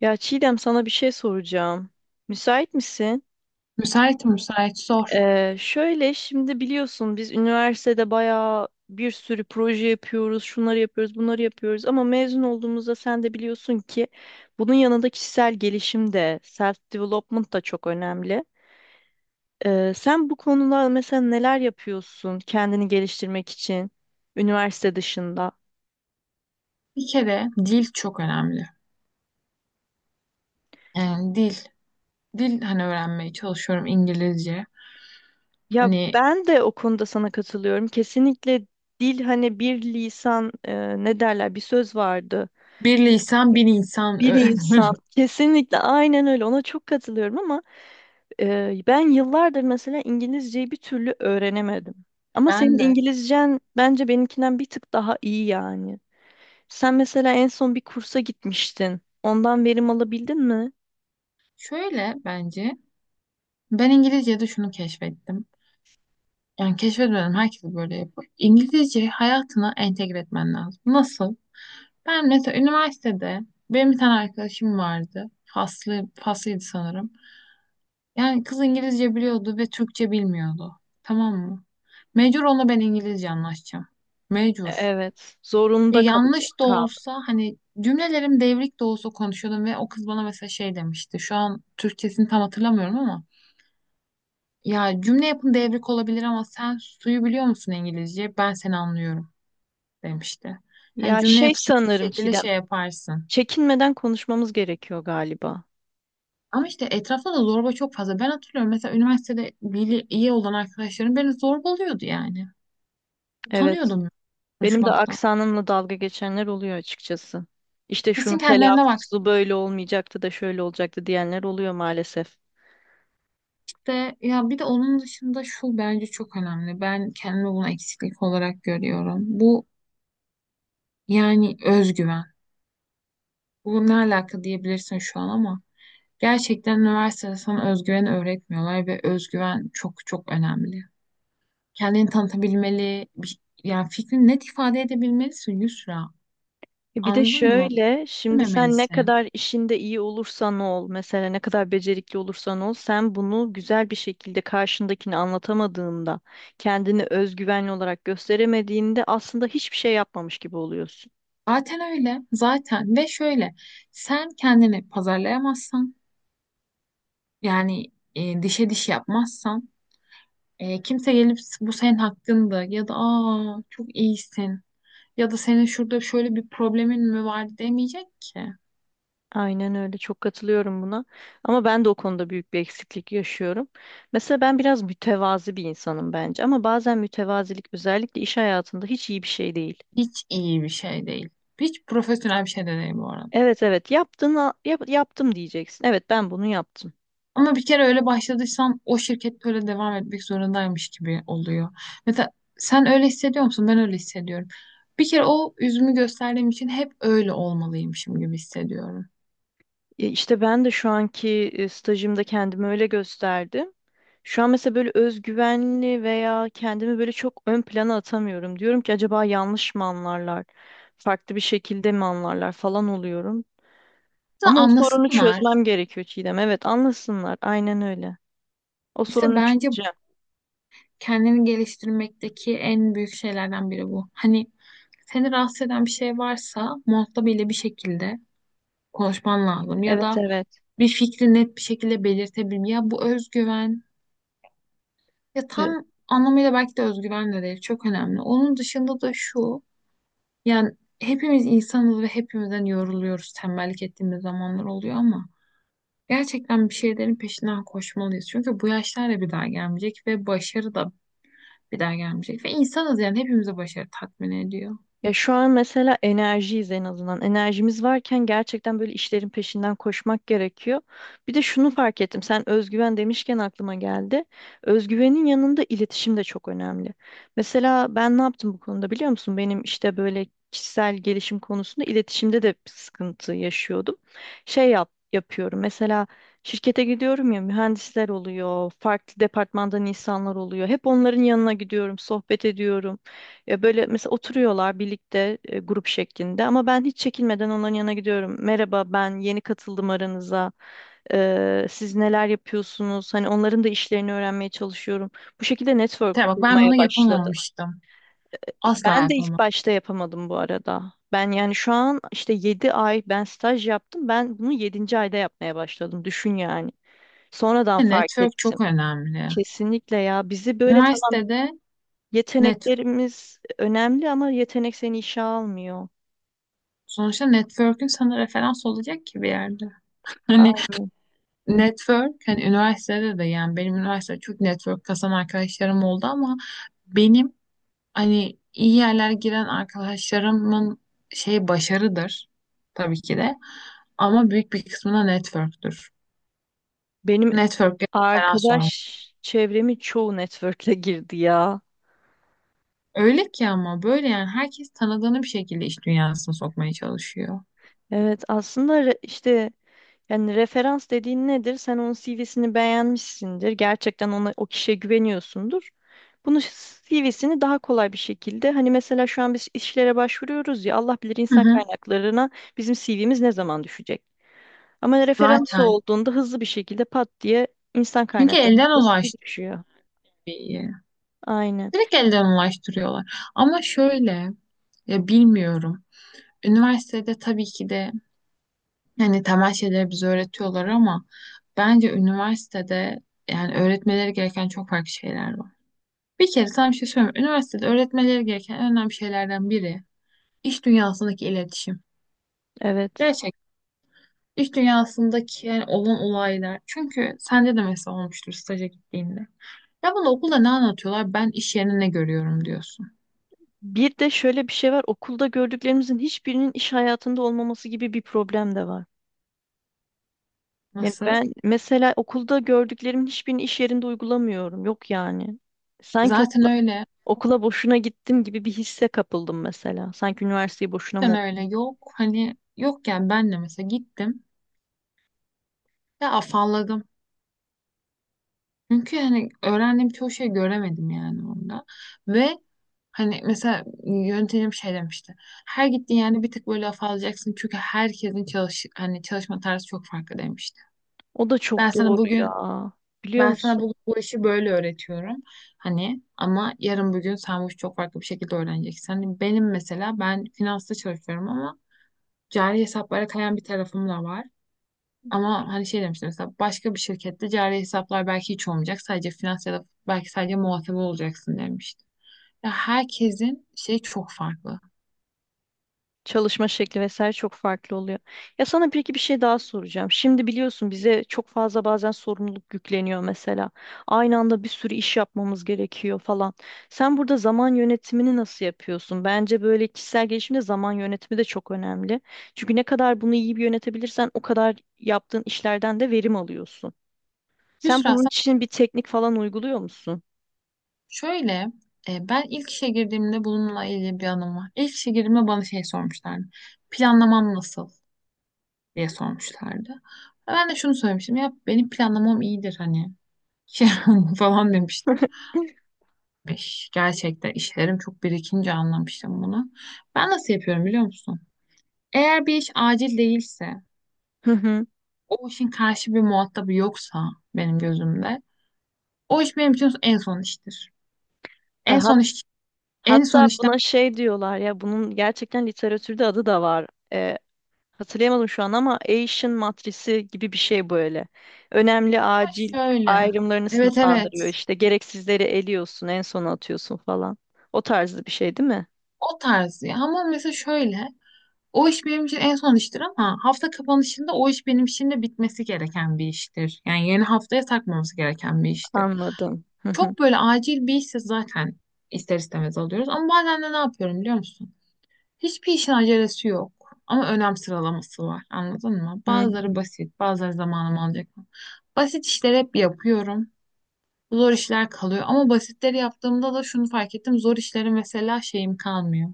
Ya Çiğdem, sana bir şey soracağım. Müsait misin? Müsait müsait sor. Şöyle, şimdi biliyorsun biz üniversitede bayağı bir sürü proje yapıyoruz, şunları yapıyoruz, bunları yapıyoruz, ama mezun olduğumuzda sen de biliyorsun ki bunun yanında kişisel gelişim de, self development da çok önemli. Sen bu konuda mesela neler yapıyorsun kendini geliştirmek için üniversite dışında? Bir kere dil çok önemli. Yani dil. Dil hani öğrenmeye çalışıyorum İngilizce. Ya Hani ben de o konuda sana katılıyorum. Kesinlikle dil, hani bir lisan, ne derler, bir söz vardı. bir lisan bin insan Bir öyle. insan. Kesinlikle aynen öyle. Ona çok katılıyorum ama ben yıllardır mesela İngilizceyi bir türlü öğrenemedim. Ama senin Ben de İngilizcen bence benimkinden bir tık daha iyi yani. Sen mesela en son bir kursa gitmiştin. Ondan verim alabildin mi? şöyle, bence ben İngilizce'de şunu keşfettim. Yani keşfetmedim, herkes böyle yapıyor. İngilizceyi hayatına entegre etmen lazım. Nasıl? Ben mesela üniversitede benim bir tane arkadaşım vardı. Faslı, faslıydı sanırım. Yani kız İngilizce biliyordu ve Türkçe bilmiyordu. Tamam mı? Mecbur onunla ben İngilizce anlaşacağım. Mecbur. Evet. Zorunda Yanlış da kaldım. olsa hani cümlelerim devrik de olsa konuşuyordum ve o kız bana mesela şey demişti. Şu an Türkçesini tam hatırlamıyorum ama ya cümle yapın devrik olabilir ama sen suyu biliyor musun İngilizce? Ben seni anlıyorum demişti. Hani Ya cümle şey, yapısını bir sanırım şekilde Çiğdem, şey yaparsın. çekinmeden konuşmamız gerekiyor galiba. Ama işte etrafta da zorba çok fazla. Ben hatırlıyorum mesela üniversitede iyi olan arkadaşlarım beni zorbalıyordu yani. Evet. Utanıyordum Benim de konuşmaktan. aksanımla dalga geçenler oluyor açıkçası. İşte Kesin şunu kendilerine bak. telaffuzu böyle olmayacaktı da şöyle olacaktı diyenler oluyor maalesef. İşte ya bir de onun dışında şu bence çok önemli. Ben kendimi bunu eksiklik olarak görüyorum. Bu yani özgüven. Bu ne alaka diyebilirsin şu an ama gerçekten üniversitede sana özgüveni öğretmiyorlar ve özgüven çok çok önemli. Kendini tanıtabilmeli, yani fikrini net ifade edebilmelisin Yusra. Bir de Anladın mı? şöyle, şimdi sen ne Bilmemelisin. kadar işinde iyi olursan ol, mesela ne kadar becerikli olursan ol, sen bunu güzel bir şekilde karşındakini anlatamadığında, kendini özgüvenli olarak gösteremediğinde aslında hiçbir şey yapmamış gibi oluyorsun. Zaten öyle. Zaten ve şöyle, sen kendini pazarlayamazsan. Yani dişe diş yapmazsan, kimse gelip bu senin hakkında ya da aa çok iyisin ya da senin şurada şöyle bir problemin mi var demeyecek ki. Aynen öyle, çok katılıyorum buna. Ama ben de o konuda büyük bir eksiklik yaşıyorum. Mesela ben biraz mütevazi bir insanım bence, ama bazen mütevazilik özellikle iş hayatında hiç iyi bir şey değil. Hiç iyi bir şey değil. Hiç profesyonel bir şey de değil bu arada. Evet, evet, yaptım diyeceksin. Evet, ben bunu yaptım. Ama bir kere öyle başladıysan o şirket öyle devam etmek zorundaymış gibi oluyor. Mesela sen öyle hissediyor musun? Ben öyle hissediyorum. Bir kere o üzümü gösterdiğim için hep öyle olmalıymışım gibi hissediyorum. Ya İşte ben de şu anki stajımda kendimi öyle gösterdim. Şu an mesela böyle özgüvenli veya kendimi böyle çok ön plana atamıyorum. Diyorum ki acaba yanlış mı anlarlar? Farklı bir şekilde mi anlarlar falan oluyorum. Aslında Ama o sorunu anlasınlar. çözmem gerekiyor Çiğdem. Evet, anlasınlar. Aynen öyle. O İşte sorunu bence çözeceğim. kendini geliştirmekteki en büyük şeylerden biri bu. Hani seni rahatsız eden bir şey varsa muhatabıyla bir şekilde konuşman lazım ya Evet, da evet. bir fikri net bir şekilde belirtebilme. Ya bu özgüven, ya tam anlamıyla belki de özgüven de değil, çok önemli. Onun dışında da şu, yani hepimiz insanız ve hepimizden yoruluyoruz, tembellik ettiğimiz zamanlar oluyor ama gerçekten bir şeylerin peşinden koşmalıyız. Çünkü bu yaşlar da bir daha gelmeyecek ve başarı da bir daha gelmeyecek. Ve insanız, yani hepimize başarı tatmin ediyor. Ya şu an mesela enerjiyiz en azından. Enerjimiz varken gerçekten böyle işlerin peşinden koşmak gerekiyor. Bir de şunu fark ettim. Sen özgüven demişken aklıma geldi. Özgüvenin yanında iletişim de çok önemli. Mesela ben ne yaptım bu konuda, biliyor musun? Benim işte böyle kişisel gelişim konusunda iletişimde de bir sıkıntı yaşıyordum. Şey, yapıyorum. Mesela şirkete gidiyorum ya, mühendisler oluyor, farklı departmandan insanlar oluyor. Hep onların yanına gidiyorum, sohbet ediyorum. Ya böyle mesela oturuyorlar birlikte, grup şeklinde, ama ben hiç çekinmeden onların yanına gidiyorum. Merhaba, ben yeni katıldım aranıza. Siz neler yapıyorsunuz? Hani onların da işlerini öğrenmeye çalışıyorum. Bu şekilde network Tabii bak, ben kurmaya bunu başladım. yapamamıştım. Asla Ben de ilk yapamam. başta yapamadım bu arada. Ben yani şu an işte 7 ay ben staj yaptım. Ben bunu yedinci ayda yapmaya başladım. Düşün yani. Sonradan fark Network çok ettim. önemli. Kesinlikle ya, bizi böyle, tamam, Üniversitede network. yeteneklerimiz önemli ama yetenek seni işe almıyor. Sonuçta network'ün sana referans olacak ki bir yerde. Hani Ay, network, hani üniversitede de yani benim üniversitede çok network kasan arkadaşlarım oldu ama benim hani iyi yerlere giren arkadaşlarımın şey başarıdır tabii ki de ama büyük bir kısmına network'tür. benim Network'e referans arkadaş olmak. çevremi çoğu network'e girdi ya. Öyle ki, ama böyle yani herkes tanıdığını bir şekilde iş dünyasına sokmaya çalışıyor. Evet, aslında işte, yani referans dediğin nedir? Sen onun CV'sini beğenmişsindir. Gerçekten ona, o kişiye güveniyorsundur. Bunu, CV'sini daha kolay bir şekilde, hani, mesela şu an biz işlere başvuruyoruz ya, Allah bilir Hı insan hı. kaynaklarına bizim CV'miz ne zaman düşecek? Ama referans Zaten. olduğunda hızlı bir şekilde pat diye insan Çünkü kaynaklarına elden CV ulaştırıyor. düşüyor. İyi. Aynen. Direkt elden ulaştırıyorlar. Ama şöyle, ya bilmiyorum. Üniversitede tabii ki de yani temel şeyleri bize öğretiyorlar ama bence üniversitede yani öğretmeleri gereken çok farklı şeyler var. Bir kere sana bir şey söyleyeyim. Üniversitede öğretmeleri gereken en önemli şeylerden biri iş dünyasındaki iletişim. Evet. Gerçekten. İş dünyasındaki yani olan olaylar. Çünkü sende de mesela olmuştur staja gittiğinde. Ya bana okulda ne anlatıyorlar? Ben iş yerine ne görüyorum diyorsun. Bir de şöyle bir şey var. Okulda gördüklerimizin hiçbirinin iş hayatında olmaması gibi bir problem de var. Yani Nasıl? ben mesela okulda gördüklerimin hiçbirini iş yerinde uygulamıyorum. Yok yani. Sanki Zaten okula, öyle. Yok. okula boşuna gittim gibi bir hisse kapıldım mesela. Sanki üniversiteyi boşuna mı Zaten öyle. okudum? Yok. Hani yok yani ben de mesela gittim. Ya afalladım. Çünkü hani öğrendiğim çoğu şey göremedim yani orada. Ve hani mesela yöntemim şey demişti. Her gittiğin yani bir tık böyle afallayacaksın. Çünkü herkesin hani çalışma tarzı çok farklı demişti. O da Ben çok sana doğru ya. bugün Biliyor Ben sana musun? bu işi böyle öğretiyorum. Hani ama yarın bugün sen bu işi çok farklı bir şekilde öğreneceksin. Hani benim mesela ben finansta çalışıyorum ama cari hesaplara kayan bir tarafım da var. Ama hani şey demiştim mesela başka bir şirkette cari hesaplar belki hiç olmayacak. Sadece finans ya da belki sadece muhasebe olacaksın demiştim. Ya herkesin şey çok farklı. Çalışma şekli vesaire çok farklı oluyor. Ya sana peki bir şey daha soracağım. Şimdi biliyorsun bize çok fazla, bazen sorumluluk yükleniyor mesela. Aynı anda bir sürü iş yapmamız gerekiyor falan. Sen burada zaman yönetimini nasıl yapıyorsun? Bence böyle kişisel gelişimde zaman yönetimi de çok önemli. Çünkü ne kadar bunu iyi bir yönetebilirsen o kadar yaptığın işlerden de verim alıyorsun. Sen Yusra bunun sen için bir teknik falan uyguluyor musun? şöyle, ben ilk işe girdiğimde bununla ilgili bir anım var. İlk işe girdiğimde bana şey sormuşlardı. Planlamam nasıl? Diye sormuşlardı. Ben de şunu söylemiştim, ya benim planlamam iyidir hani falan demiştim. Gerçekten işlerim çok birikince anlamıştım bunu. Ben nasıl yapıyorum biliyor musun? Eğer bir iş acil değilse, Hı hı. o işin karşı bir muhatabı yoksa benim gözümde, o iş benim için en son iştir. E, En hat- son iş, en son Hatta işten buna şey diyorlar ya, bunun gerçekten literatürde adı da var. E, Hatırlayamadım şu an ama Asian matrisi gibi bir şey böyle. Önemli, acil şöyle. ayrımlarını Evet, sınıflandırıyor evet. işte. Gereksizleri eliyorsun, en sona atıyorsun falan. O tarzı bir şey değil mi? O tarz ya. Ama mesela şöyle. O iş benim için en son iştir ama hafta kapanışında o iş benim için de bitmesi gereken bir iştir. Yani yeni haftaya takmamız gereken bir iştir. Anladım. Hı hı. Çok böyle acil bir işse zaten ister istemez alıyoruz. Ama bazen de ne yapıyorum biliyor musun? Hiçbir işin acelesi yok. Ama önem sıralaması var. Anladın mı? Hı. Bazıları basit, bazıları zamanım alacak. Basit işleri hep yapıyorum. Zor işler kalıyor. Ama basitleri yaptığımda da şunu fark ettim. Zor işleri mesela şeyim kalmıyor.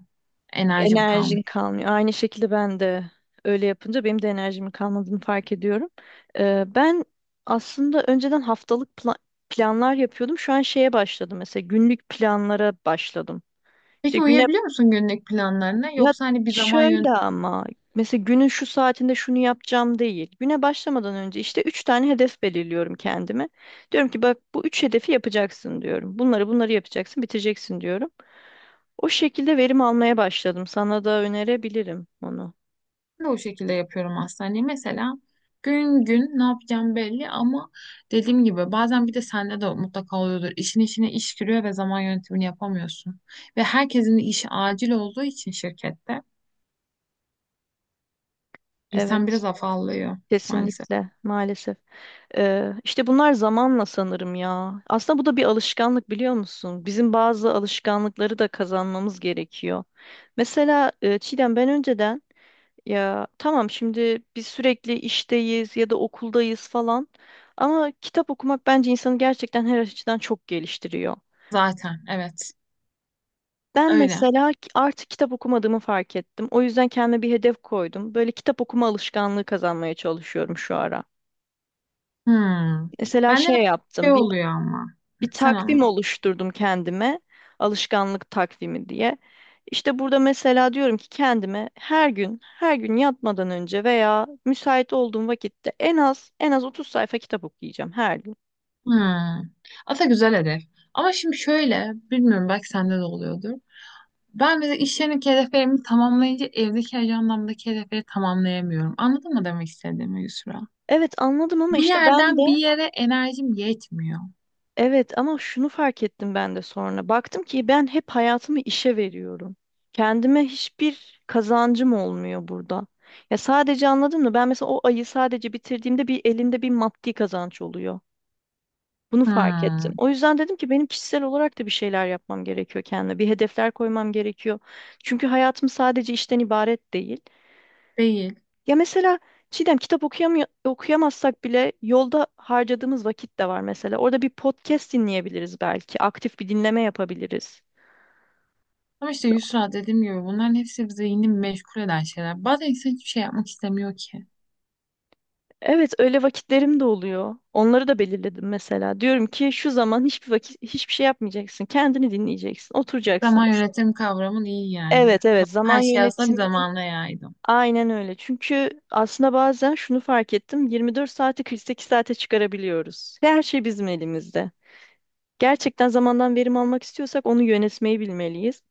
Enerjim kalmıyor. Enerjin kalmıyor. Aynı şekilde ben de öyle yapınca benim de enerjimin kalmadığını fark ediyorum. Ben aslında önceden haftalık planlar yapıyordum. Şu an şeye başladım, mesela günlük planlara başladım. İşte Peki uyuyabiliyor musun günlük planlarına? ya Yoksa hani bir zaman şöyle, yönetimini ama mesela günün şu saatinde şunu yapacağım değil. Güne başlamadan önce işte üç tane hedef belirliyorum kendime. Diyorum ki bak, bu üç hedefi yapacaksın diyorum. Bunları yapacaksın, bitireceksin diyorum. O şekilde verim almaya başladım. Sana da önerebilirim onu. de o şekilde yapıyorum aslında. Hani mesela gün gün ne yapacağım belli ama dediğim gibi bazen, bir de sende de mutlaka oluyordur. İşin içine iş giriyor ve zaman yönetimini yapamıyorsun. Ve herkesin işi acil olduğu için şirkette insan biraz Evet, afallıyor maalesef. kesinlikle maalesef. İşte bunlar zamanla sanırım ya. Aslında bu da bir alışkanlık, biliyor musun? Bizim bazı alışkanlıkları da kazanmamız gerekiyor. Mesela Çiğdem, ben önceden, ya tamam, şimdi biz sürekli işteyiz ya da okuldayız falan, ama kitap okumak bence insanı gerçekten her açıdan çok geliştiriyor. Zaten evet Ben öyle. mesela artık kitap okumadığımı fark ettim. O yüzden kendime bir hedef koydum. Böyle kitap okuma alışkanlığı kazanmaya çalışıyorum şu ara. Hmm. Mesela Bende şey de şey yaptım. Bir, oluyor ama. bir Sen takvim anla. oluşturdum kendime. Alışkanlık takvimi diye. İşte burada mesela diyorum ki kendime, her gün yatmadan önce veya müsait olduğum vakitte en az 30 sayfa kitap okuyacağım her gün. Hmm. Aslında güzel hedef. Ama şimdi şöyle, bilmiyorum belki sende de oluyordur. Ben de iş yerindeki hedeflerimi tamamlayınca evdeki ajandamdaki hedefleri tamamlayamıyorum. Anladın mı demek istediğimi Yusra? Evet, anladım ama Bir işte ben de... yerden bir yere enerjim yetmiyor. Evet, ama şunu fark ettim ben de sonra. Baktım ki ben hep hayatımı işe veriyorum. Kendime hiçbir kazancım olmuyor burada. Ya sadece, anladın mı? Ben mesela o ayı sadece bitirdiğimde bir, elimde bir maddi kazanç oluyor. Bunu fark ettim. Hmm, O yüzden dedim ki benim kişisel olarak da bir şeyler yapmam gerekiyor kendime. Bir hedefler koymam gerekiyor. Çünkü hayatım sadece işten ibaret değil. değil. Ya mesela Çiğdem, kitap okuyamıyor, okuyamazsak bile yolda harcadığımız vakit de var mesela. Orada bir podcast dinleyebiliriz belki. Aktif bir dinleme yapabiliriz. Ama işte Yusra, dediğim gibi bunların hepsi zihnini meşgul eden şeyler. Bazen insan hiçbir şey yapmak istemiyor ki. Evet, öyle vakitlerim de oluyor. Onları da belirledim mesela. Diyorum ki şu zaman, hiçbir vakit hiçbir şey yapmayacaksın. Kendini dinleyeceksin. Oturacaksın Zaman mesela. yönetimi kavramın iyi yani. Evet, evet, zaman Her şey aslında bir yönetimini zamanla yaydım. aynen öyle. Çünkü aslında bazen şunu fark ettim. 24 saati 48 saate çıkarabiliyoruz. Her şey bizim elimizde. Gerçekten zamandan verim almak istiyorsak onu yönetmeyi bilmeliyiz.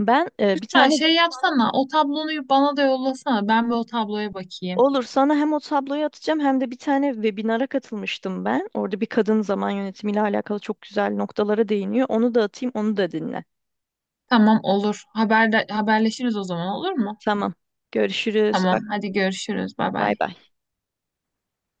Ben bir Yusra tane, şey yapsana, o tablonu bana da yollasana, ben bir o tabloya bakayım. olur sana, hem o tabloyu atacağım hem de bir tane webinara katılmıştım ben. Orada bir kadın zaman yönetimiyle alakalı çok güzel noktalara değiniyor. Onu da atayım, onu da dinle. Tamam, olur. Haber, haberleşiriz o zaman, olur mu? Tamam. Görüşürüz. Bay Tamam, hadi görüşürüz. Bay bay. bay.